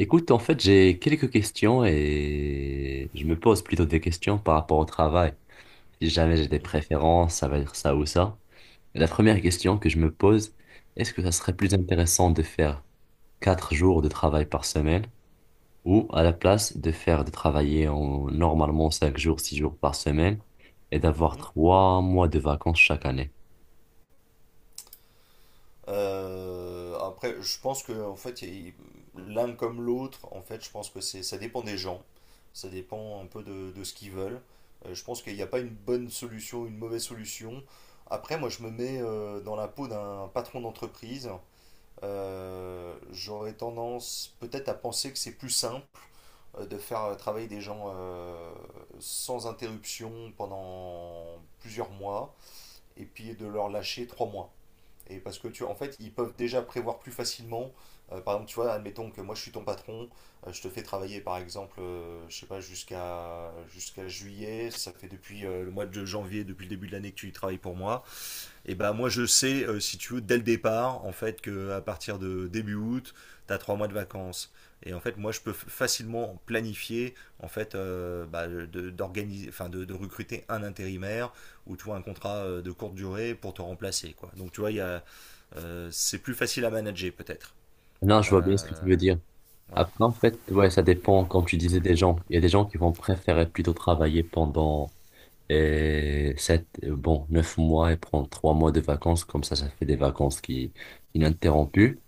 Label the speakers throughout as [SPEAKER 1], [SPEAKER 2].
[SPEAKER 1] Écoute, en fait, j'ai quelques questions et je me pose plutôt des questions par rapport au travail. Si jamais j'ai des
[SPEAKER 2] Mhm,
[SPEAKER 1] préférences, ça va dire ça ou ça. Et la première question que je me pose, est-ce que ça serait plus intéressant de faire 4 jours de travail par semaine ou à la place de faire de travailler en, normalement 5 jours, 6 jours par semaine et d'avoir
[SPEAKER 2] mhm.
[SPEAKER 1] 3 mois de vacances chaque année?
[SPEAKER 2] Après, je pense que en fait, l'un comme l'autre, en fait, je pense que c'est, ça dépend des gens, ça dépend un peu de ce qu'ils veulent. Je pense qu'il n'y a pas une bonne solution, une mauvaise solution. Après, moi, je me mets dans la peau d'un patron d'entreprise. J'aurais tendance peut-être à penser que c'est plus simple de faire travailler des gens sans interruption pendant plusieurs mois et puis de leur lâcher 3 mois. Et parce que tu vois, en fait, ils peuvent déjà prévoir plus facilement. Par exemple, tu vois, admettons que moi je suis ton patron, je te fais travailler par exemple, je sais pas, jusqu'à juillet, ça fait depuis le mois de janvier, depuis le début de l'année que tu y travailles pour moi. Et ben moi je sais, si tu veux, dès le départ, en fait, que à partir de début août, tu as 3 mois de vacances. Et en fait, moi je peux facilement planifier, en fait, bah, d'organiser, enfin, de recruter un intérimaire ou tu vois, un contrat de courte durée pour te remplacer, quoi. Donc tu vois, il y a c'est plus facile à manager peut-être.
[SPEAKER 1] Non, je vois bien ce que tu
[SPEAKER 2] Euh,
[SPEAKER 1] veux dire.
[SPEAKER 2] voilà.
[SPEAKER 1] Après, en fait, ouais, ça dépend, comme tu disais, des gens. Il y a des gens qui vont préférer plutôt travailler pendant. Et 9 mois et prendre 3 mois de vacances, comme ça fait des vacances qui ininterrompues.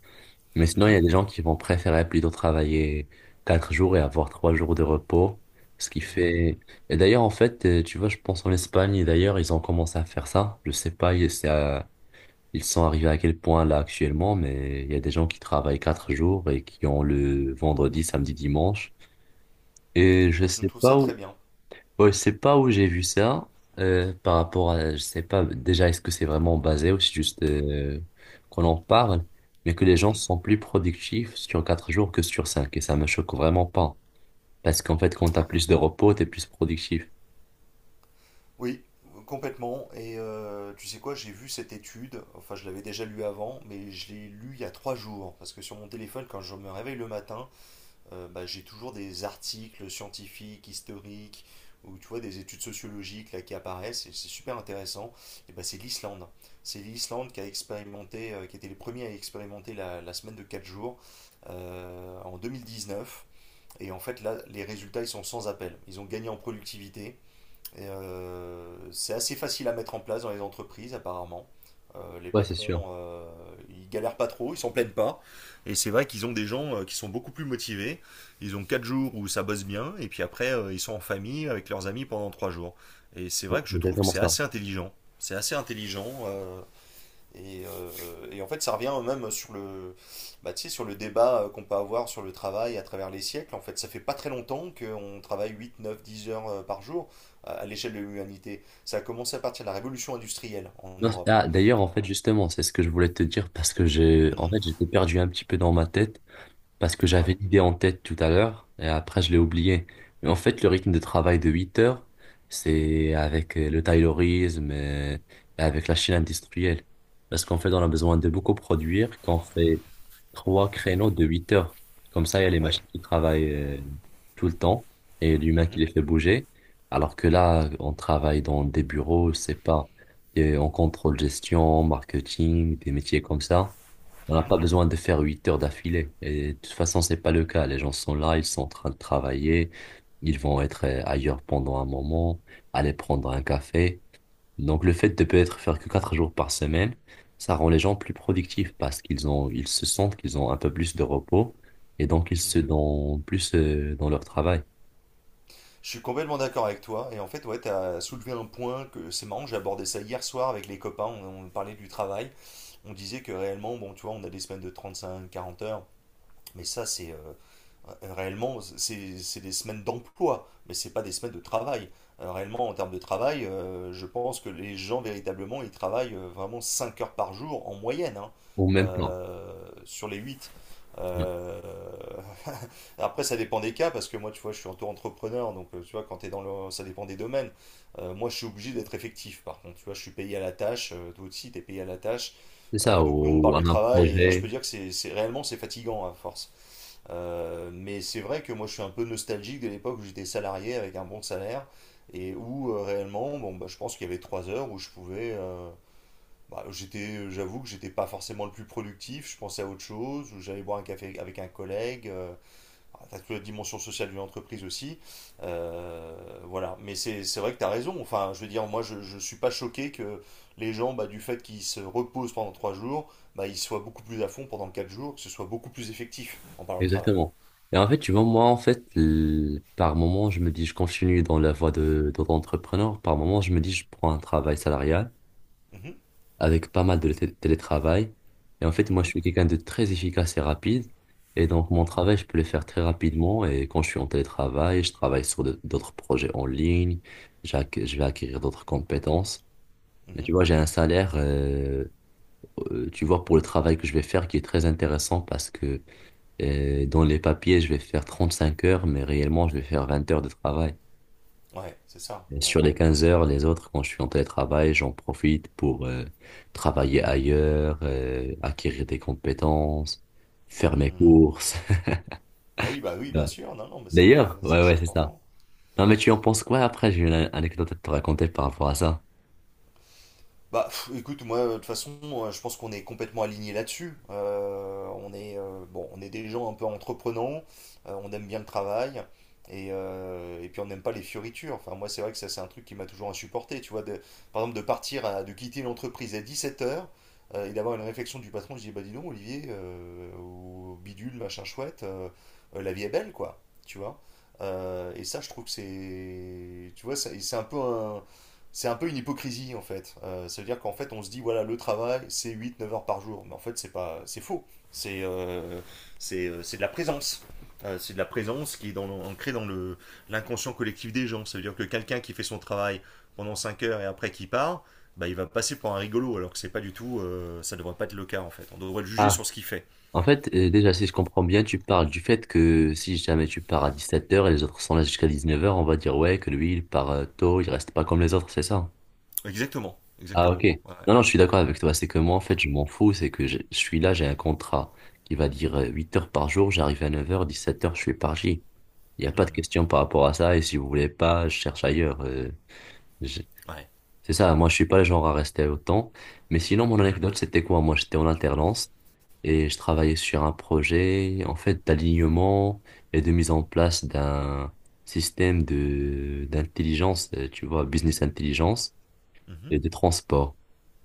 [SPEAKER 1] Mais sinon, il y
[SPEAKER 2] Mhm.
[SPEAKER 1] a des gens qui vont préférer plutôt travailler 4 jours et avoir 3 jours de repos, ce qui
[SPEAKER 2] Mhm.
[SPEAKER 1] fait. Et d'ailleurs, en fait, tu vois, je pense en Espagne, et d'ailleurs, ils ont commencé à faire ça. Je sais pas, ils sont arrivés à quel point là actuellement, mais il y a des gens qui travaillent 4 jours et qui ont le vendredi, samedi, dimanche. Et je
[SPEAKER 2] Bah, je
[SPEAKER 1] sais
[SPEAKER 2] trouve ça
[SPEAKER 1] pas
[SPEAKER 2] très
[SPEAKER 1] où.
[SPEAKER 2] bien.
[SPEAKER 1] Ouais, je sais pas où j'ai vu ça par rapport à, je sais pas déjà est-ce que c'est vraiment basé ou c'est juste qu'on en parle, mais que les gens
[SPEAKER 2] Mhm.
[SPEAKER 1] sont plus productifs sur 4 jours que sur cinq et ça me choque vraiment pas parce qu'en fait quand t'as plus de repos t'es plus productif.
[SPEAKER 2] Oui, complètement. Et tu sais quoi, j'ai vu cette étude, enfin je l'avais déjà lu avant, mais je l'ai lu il y a 3 jours, parce que sur mon téléphone, quand je me réveille le matin, bah, j'ai toujours des articles scientifiques, historiques, ou tu vois, des études sociologiques là, qui apparaissent, et c'est super intéressant. Et bah, c'est l'Islande. C'est l'Islande qui a expérimenté, qui était les premiers à expérimenter la semaine de 4 jours en 2019. Et en fait, là, les résultats, ils sont sans appel. Ils ont gagné en productivité, et c'est assez facile à mettre en place dans les entreprises, apparemment. Les
[SPEAKER 1] Ouais, c'est sûr.
[SPEAKER 2] patrons, ils galèrent pas trop, ils s'en plaignent pas. Et c'est vrai qu'ils ont des gens qui sont beaucoup plus motivés. Ils ont 4 jours où ça bosse bien, et puis après, ils sont en famille avec leurs amis pendant 3 jours. Et c'est vrai
[SPEAKER 1] Bon,
[SPEAKER 2] que
[SPEAKER 1] c'est
[SPEAKER 2] je trouve que
[SPEAKER 1] exactement
[SPEAKER 2] c'est
[SPEAKER 1] ça.
[SPEAKER 2] assez intelligent. C'est assez intelligent. Et, euh, en fait, ça revient même sur bah, tu sais, sur le débat qu'on peut avoir sur le travail à travers les siècles. En fait, ça fait pas très longtemps qu'on travaille 8 9 10 heures par jour à l'échelle de l'humanité. Ça a commencé à partir de la révolution industrielle en
[SPEAKER 1] Non,
[SPEAKER 2] Europe.
[SPEAKER 1] ah, d'ailleurs en
[SPEAKER 2] Euh,
[SPEAKER 1] fait justement c'est ce que je voulais te dire parce que j'ai en
[SPEAKER 2] mhm,
[SPEAKER 1] fait j'étais perdu un petit peu dans ma tête parce que j'avais
[SPEAKER 2] ouais,
[SPEAKER 1] l'idée en tête tout à l'heure et après je l'ai oublié. Mais en fait, le rythme de travail de 8 heures, c'est avec le taylorisme et avec la chaîne industrielle. Parce qu'en fait, on a besoin de beaucoup produire quand on fait trois créneaux de 8 heures. Comme ça, il y a les
[SPEAKER 2] ouais.
[SPEAKER 1] machines qui travaillent tout le temps et l'humain qui
[SPEAKER 2] Mhm,
[SPEAKER 1] les fait bouger. Alors que là, on travaille dans des bureaux, c'est pas, et on contrôle gestion, marketing, des métiers comme ça. On n'a
[SPEAKER 2] mhm,
[SPEAKER 1] pas besoin de faire 8 heures d'affilée. Et de toute façon, c'est pas le cas. Les gens sont là, ils sont en train de travailler. Ils vont être ailleurs pendant un moment, aller prendre un café. Donc, le fait de peut-être faire que 4 jours par semaine, ça rend les gens plus productifs parce qu'ils ont, ils se sentent qu'ils ont un peu plus de repos et donc ils se
[SPEAKER 2] mhm.
[SPEAKER 1] donnent plus dans leur travail.
[SPEAKER 2] Je suis complètement d'accord avec toi. Et en fait, ouais, tu as soulevé un point que c'est marrant, j'ai abordé ça hier soir avec les copains. On on parlait du travail. On disait que réellement, bon, tu vois, on a des semaines de 35 40 heures. Mais ça, c'est réellement, c'est des semaines d'emploi, mais c'est pas des semaines de travail. Réellement, en termes de travail, je pense que les gens, véritablement, ils travaillent vraiment 5 heures par jour en moyenne, hein,
[SPEAKER 1] Au même temps.
[SPEAKER 2] euh, sur les 8. Euh, Après, ça dépend des cas, parce que moi, tu vois, je suis auto-entrepreneur, donc tu vois, quand t'es dans le, ça dépend des domaines. Moi, je suis obligé d'être effectif, par contre, tu vois, je suis payé à la tâche, toi aussi, tu payé à la tâche.
[SPEAKER 1] C'est ça,
[SPEAKER 2] Donc, nous, on
[SPEAKER 1] ou
[SPEAKER 2] parle
[SPEAKER 1] à
[SPEAKER 2] de
[SPEAKER 1] un
[SPEAKER 2] travail, et je peux
[SPEAKER 1] projet.
[SPEAKER 2] dire que réellement, c'est fatigant à force. Mais c'est vrai que moi je suis un peu nostalgique de l'époque où j'étais salarié avec un bon salaire et où réellement, bon, bah, je pense qu'il y avait 3 heures où je pouvais. Bah, j'avoue que j'étais pas forcément le plus productif, je pensais à autre chose, où j'allais boire un café avec un collègue. Ah, t'as toute la dimension sociale d'une entreprise aussi. Euh, voilà, mais c'est vrai que t'as raison. Enfin, je veux dire, moi je suis pas choqué que les gens, bah, du fait qu'ils se reposent pendant 3 jours, bah, ils soient beaucoup plus à fond pendant 4 jours, que ce soit beaucoup plus effectif en parlant de travail.
[SPEAKER 1] Exactement. Et en fait, tu vois, moi, en fait, par moment, je me dis, je continue dans la voie de l'entrepreneur. Par moment, je me dis, je prends un travail salarial
[SPEAKER 2] Mhm.
[SPEAKER 1] avec pas mal de télétravail. Et en fait, moi, je
[SPEAKER 2] Mhm,
[SPEAKER 1] suis quelqu'un de très efficace et rapide. Et donc, mon
[SPEAKER 2] mhm,
[SPEAKER 1] travail, je peux le faire très rapidement. Et quand je suis en télétravail, je travaille sur d'autres projets en ligne. Je vais acquérir d'autres compétences. Mais tu
[SPEAKER 2] mhm.
[SPEAKER 1] vois, j'ai un salaire, tu vois, pour le travail que je vais faire qui est très intéressant parce que et dans les papiers, je vais faire 35 heures, mais réellement, je vais faire 20 heures de travail.
[SPEAKER 2] Ouais, c'est ça.
[SPEAKER 1] Et
[SPEAKER 2] Ouais.
[SPEAKER 1] sur les 15 heures, les autres, quand je suis en télétravail, j'en profite pour travailler ailleurs, acquérir des compétences, faire mes
[SPEAKER 2] Hmm.
[SPEAKER 1] courses.
[SPEAKER 2] Bah oui, bien
[SPEAKER 1] Ouais.
[SPEAKER 2] sûr. Non, non, mais
[SPEAKER 1] D'ailleurs,
[SPEAKER 2] ça,
[SPEAKER 1] ouais, ouais,
[SPEAKER 2] c'est
[SPEAKER 1] c'est ça.
[SPEAKER 2] important.
[SPEAKER 1] Non, mais tu en penses quoi après? J'ai une anecdote à te raconter par rapport à ça.
[SPEAKER 2] Bah, pff, écoute, moi, de toute façon, je pense qu'on est complètement alignés là-dessus. On est, bon, on est des gens un peu entreprenants, on aime bien le travail, et et puis on n'aime pas les fioritures. Enfin, moi, c'est vrai que ça, c'est un truc qui m'a toujours insupporté, tu vois, de, par exemple, de quitter l'entreprise à 17h, et d'avoir une réflexion du patron, je dis, bah dis donc, Olivier, au bidule, machin chouette, la vie est belle, quoi, tu vois. Et ça, je trouve que c'est, tu vois, c'est un peu un c'est un peu une hypocrisie en fait. Ça veut dire qu'en fait on se dit voilà le travail c'est 8 9 heures par jour. Mais en fait c'est pas c'est faux. C'est euh, c'est de la présence. C'est de la présence qui est dans, ancrée dans le l'inconscient collectif des gens. Ça veut dire que quelqu'un qui fait son travail pendant 5 heures et après qui part, bah, il va passer pour un rigolo alors que c'est pas du tout ça devrait pas être le cas en fait. On devrait le juger
[SPEAKER 1] Ah,
[SPEAKER 2] sur ce qu'il fait.
[SPEAKER 1] en fait, déjà, si je comprends bien, tu parles du fait que si jamais tu pars à 17h et les autres sont là jusqu'à 19h, on va dire, ouais, que lui, il part tôt, il reste pas comme les autres, c'est ça?
[SPEAKER 2] Exactement,
[SPEAKER 1] Ah, ok.
[SPEAKER 2] exactement. Ouais.
[SPEAKER 1] Non, non, je suis d'accord avec toi. C'est que moi, en fait, je m'en fous. C'est que je suis là, j'ai un contrat qui va dire 8 heures par jour, j'arrive à 9h, 17h, je suis parti. Il n'y a pas de
[SPEAKER 2] Mhm.
[SPEAKER 1] question par rapport à ça. Et si vous voulez pas, je cherche ailleurs. Je-
[SPEAKER 2] Ouais.
[SPEAKER 1] C'est ça, moi, je suis pas le genre à rester autant. Mais sinon, mon
[SPEAKER 2] Mhm.
[SPEAKER 1] anecdote, c'était quoi? Moi, j'étais en alternance et je travaillais sur un projet, en fait, d'alignement et de mise en place d'un système de d'intelligence, tu vois, business intelligence
[SPEAKER 2] Mhm.
[SPEAKER 1] et de transport.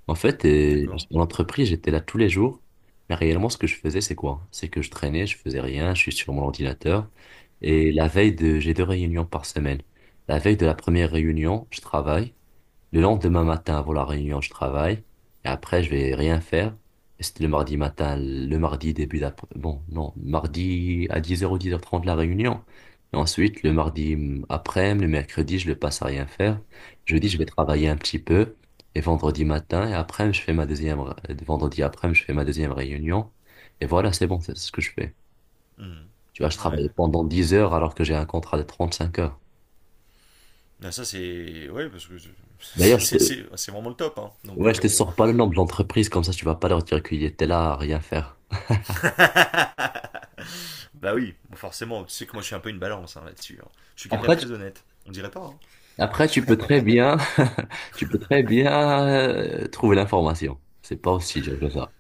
[SPEAKER 1] En fait,
[SPEAKER 2] D'accord.
[SPEAKER 1] en entreprise, j'étais là tous les jours. Mais réellement, ce que je faisais, c'est quoi? C'est que je traînais, je faisais rien, je suis sur mon ordinateur. Et
[SPEAKER 2] Mhm.
[SPEAKER 1] la veille de, j'ai deux réunions par semaine. La veille de la première réunion, je travaille. Le lendemain matin, avant la réunion, je travaille. Et après, je vais rien faire. Et c'était le mardi matin, le mardi début d'après. Bon, non, mardi à 10h ou 10h30 la réunion. Et ensuite, le mardi après, le mercredi, je le passe à rien faire. Jeudi, je vais
[SPEAKER 2] Mhm.
[SPEAKER 1] travailler un petit peu. Et vendredi matin, et après, je fais ma deuxième, vendredi après, je fais ma deuxième réunion. Et voilà, c'est bon, c'est ce que je fais.
[SPEAKER 2] Mhm.
[SPEAKER 1] Tu vois, je
[SPEAKER 2] Ouais,
[SPEAKER 1] travaille
[SPEAKER 2] d'accord.
[SPEAKER 1] pendant 10 heures alors que j'ai un contrat de 35 heures.
[SPEAKER 2] Ben ça, c'est. Ouais, parce que
[SPEAKER 1] D'ailleurs,
[SPEAKER 2] c'est vraiment le top. Hein. Donc,
[SPEAKER 1] ouais, je te sors pas le nom de l'entreprise, comme ça tu vas pas leur dire qu'il était là à rien faire.
[SPEAKER 2] bah oui, forcément. Tu sais que moi, je suis un peu une balance hein, là-dessus. Hein. Je suis quelqu'un de
[SPEAKER 1] Après, tu,
[SPEAKER 2] très honnête. On dirait pas. Hein.
[SPEAKER 1] après, tu peux très bien, tu peux très bien trouver l'information. C'est pas aussi dur que ça.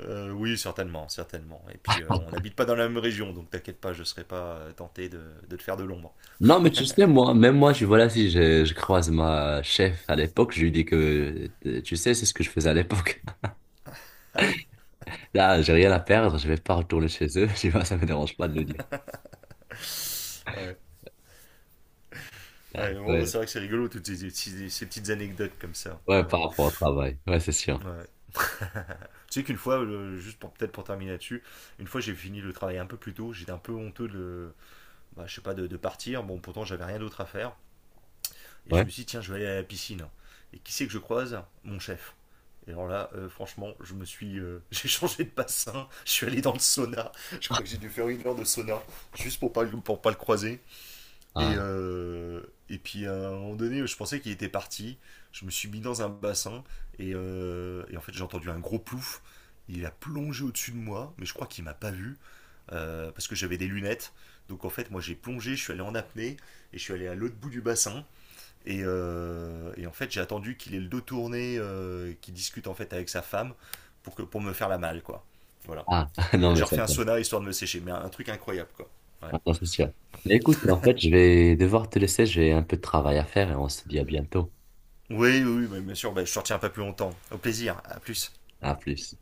[SPEAKER 2] Oui, certainement, certainement. Et puis, on n'habite pas dans la même région, donc t'inquiète pas, je serais pas tenté de te faire de l'ombre.
[SPEAKER 1] Non, mais tu sais, moi, même moi, je, voilà, si je croise ma chef à l'époque, je lui dis que, tu sais, c'est ce que je faisais à l'époque.
[SPEAKER 2] Ah oui.
[SPEAKER 1] Là, j'ai rien à perdre, je vais pas retourner chez eux, tu vois, ça me dérange pas de le dire.
[SPEAKER 2] Ouais. Ouais,
[SPEAKER 1] Ouais,
[SPEAKER 2] bon, bah,
[SPEAKER 1] ouais,
[SPEAKER 2] c'est vrai que c'est rigolo, toutes ces, ces petites anecdotes comme ça.
[SPEAKER 1] ouais,
[SPEAKER 2] Ouais.
[SPEAKER 1] par rapport au travail. Ouais, c'est sûr.
[SPEAKER 2] Ouais. Tu sais qu'une fois, juste pour peut-être pour terminer là-dessus, une fois j'ai fini le travail un peu plus tôt, j'étais un peu honteux de, bah, je sais pas, de partir. Bon, pourtant j'avais rien d'autre à faire. Et je
[SPEAKER 1] Ouais.
[SPEAKER 2] me suis dit, tiens, je vais aller à la piscine. Et qui c'est que je croise mon chef. Et alors là, franchement, j'ai changé de bassin, je suis allé dans le sauna. Je crois que j'ai dû faire 1 heure de sauna juste pour pas le croiser. Et
[SPEAKER 1] Ah,
[SPEAKER 2] euh, et puis à un moment donné, je pensais qu'il était parti. Je me suis mis dans un bassin et et en fait j'ai entendu un gros plouf. Il a plongé au-dessus de moi, mais je crois qu'il m'a pas vu parce que j'avais des lunettes. Donc en fait, moi j'ai plongé, je suis allé en apnée et je suis allé à l'autre bout du bassin. Et et en fait, j'ai attendu qu'il ait le dos tourné, qu'il discute en fait avec sa femme pour, pour me faire la malle, quoi. Voilà.
[SPEAKER 1] ah, non,
[SPEAKER 2] Et
[SPEAKER 1] mais
[SPEAKER 2] j'ai
[SPEAKER 1] ça,
[SPEAKER 2] refait un sauna histoire de me sécher, mais un truc incroyable, quoi. Ouais.
[SPEAKER 1] ah, non, c'est sûr. Mais écoute, en fait, je vais devoir te laisser, j'ai un peu de travail à faire et on se dit à bientôt.
[SPEAKER 2] Oui, oui, oui, bien sûr, bah, je ne retiens pas plus longtemps. Au plaisir, à plus.
[SPEAKER 1] À plus.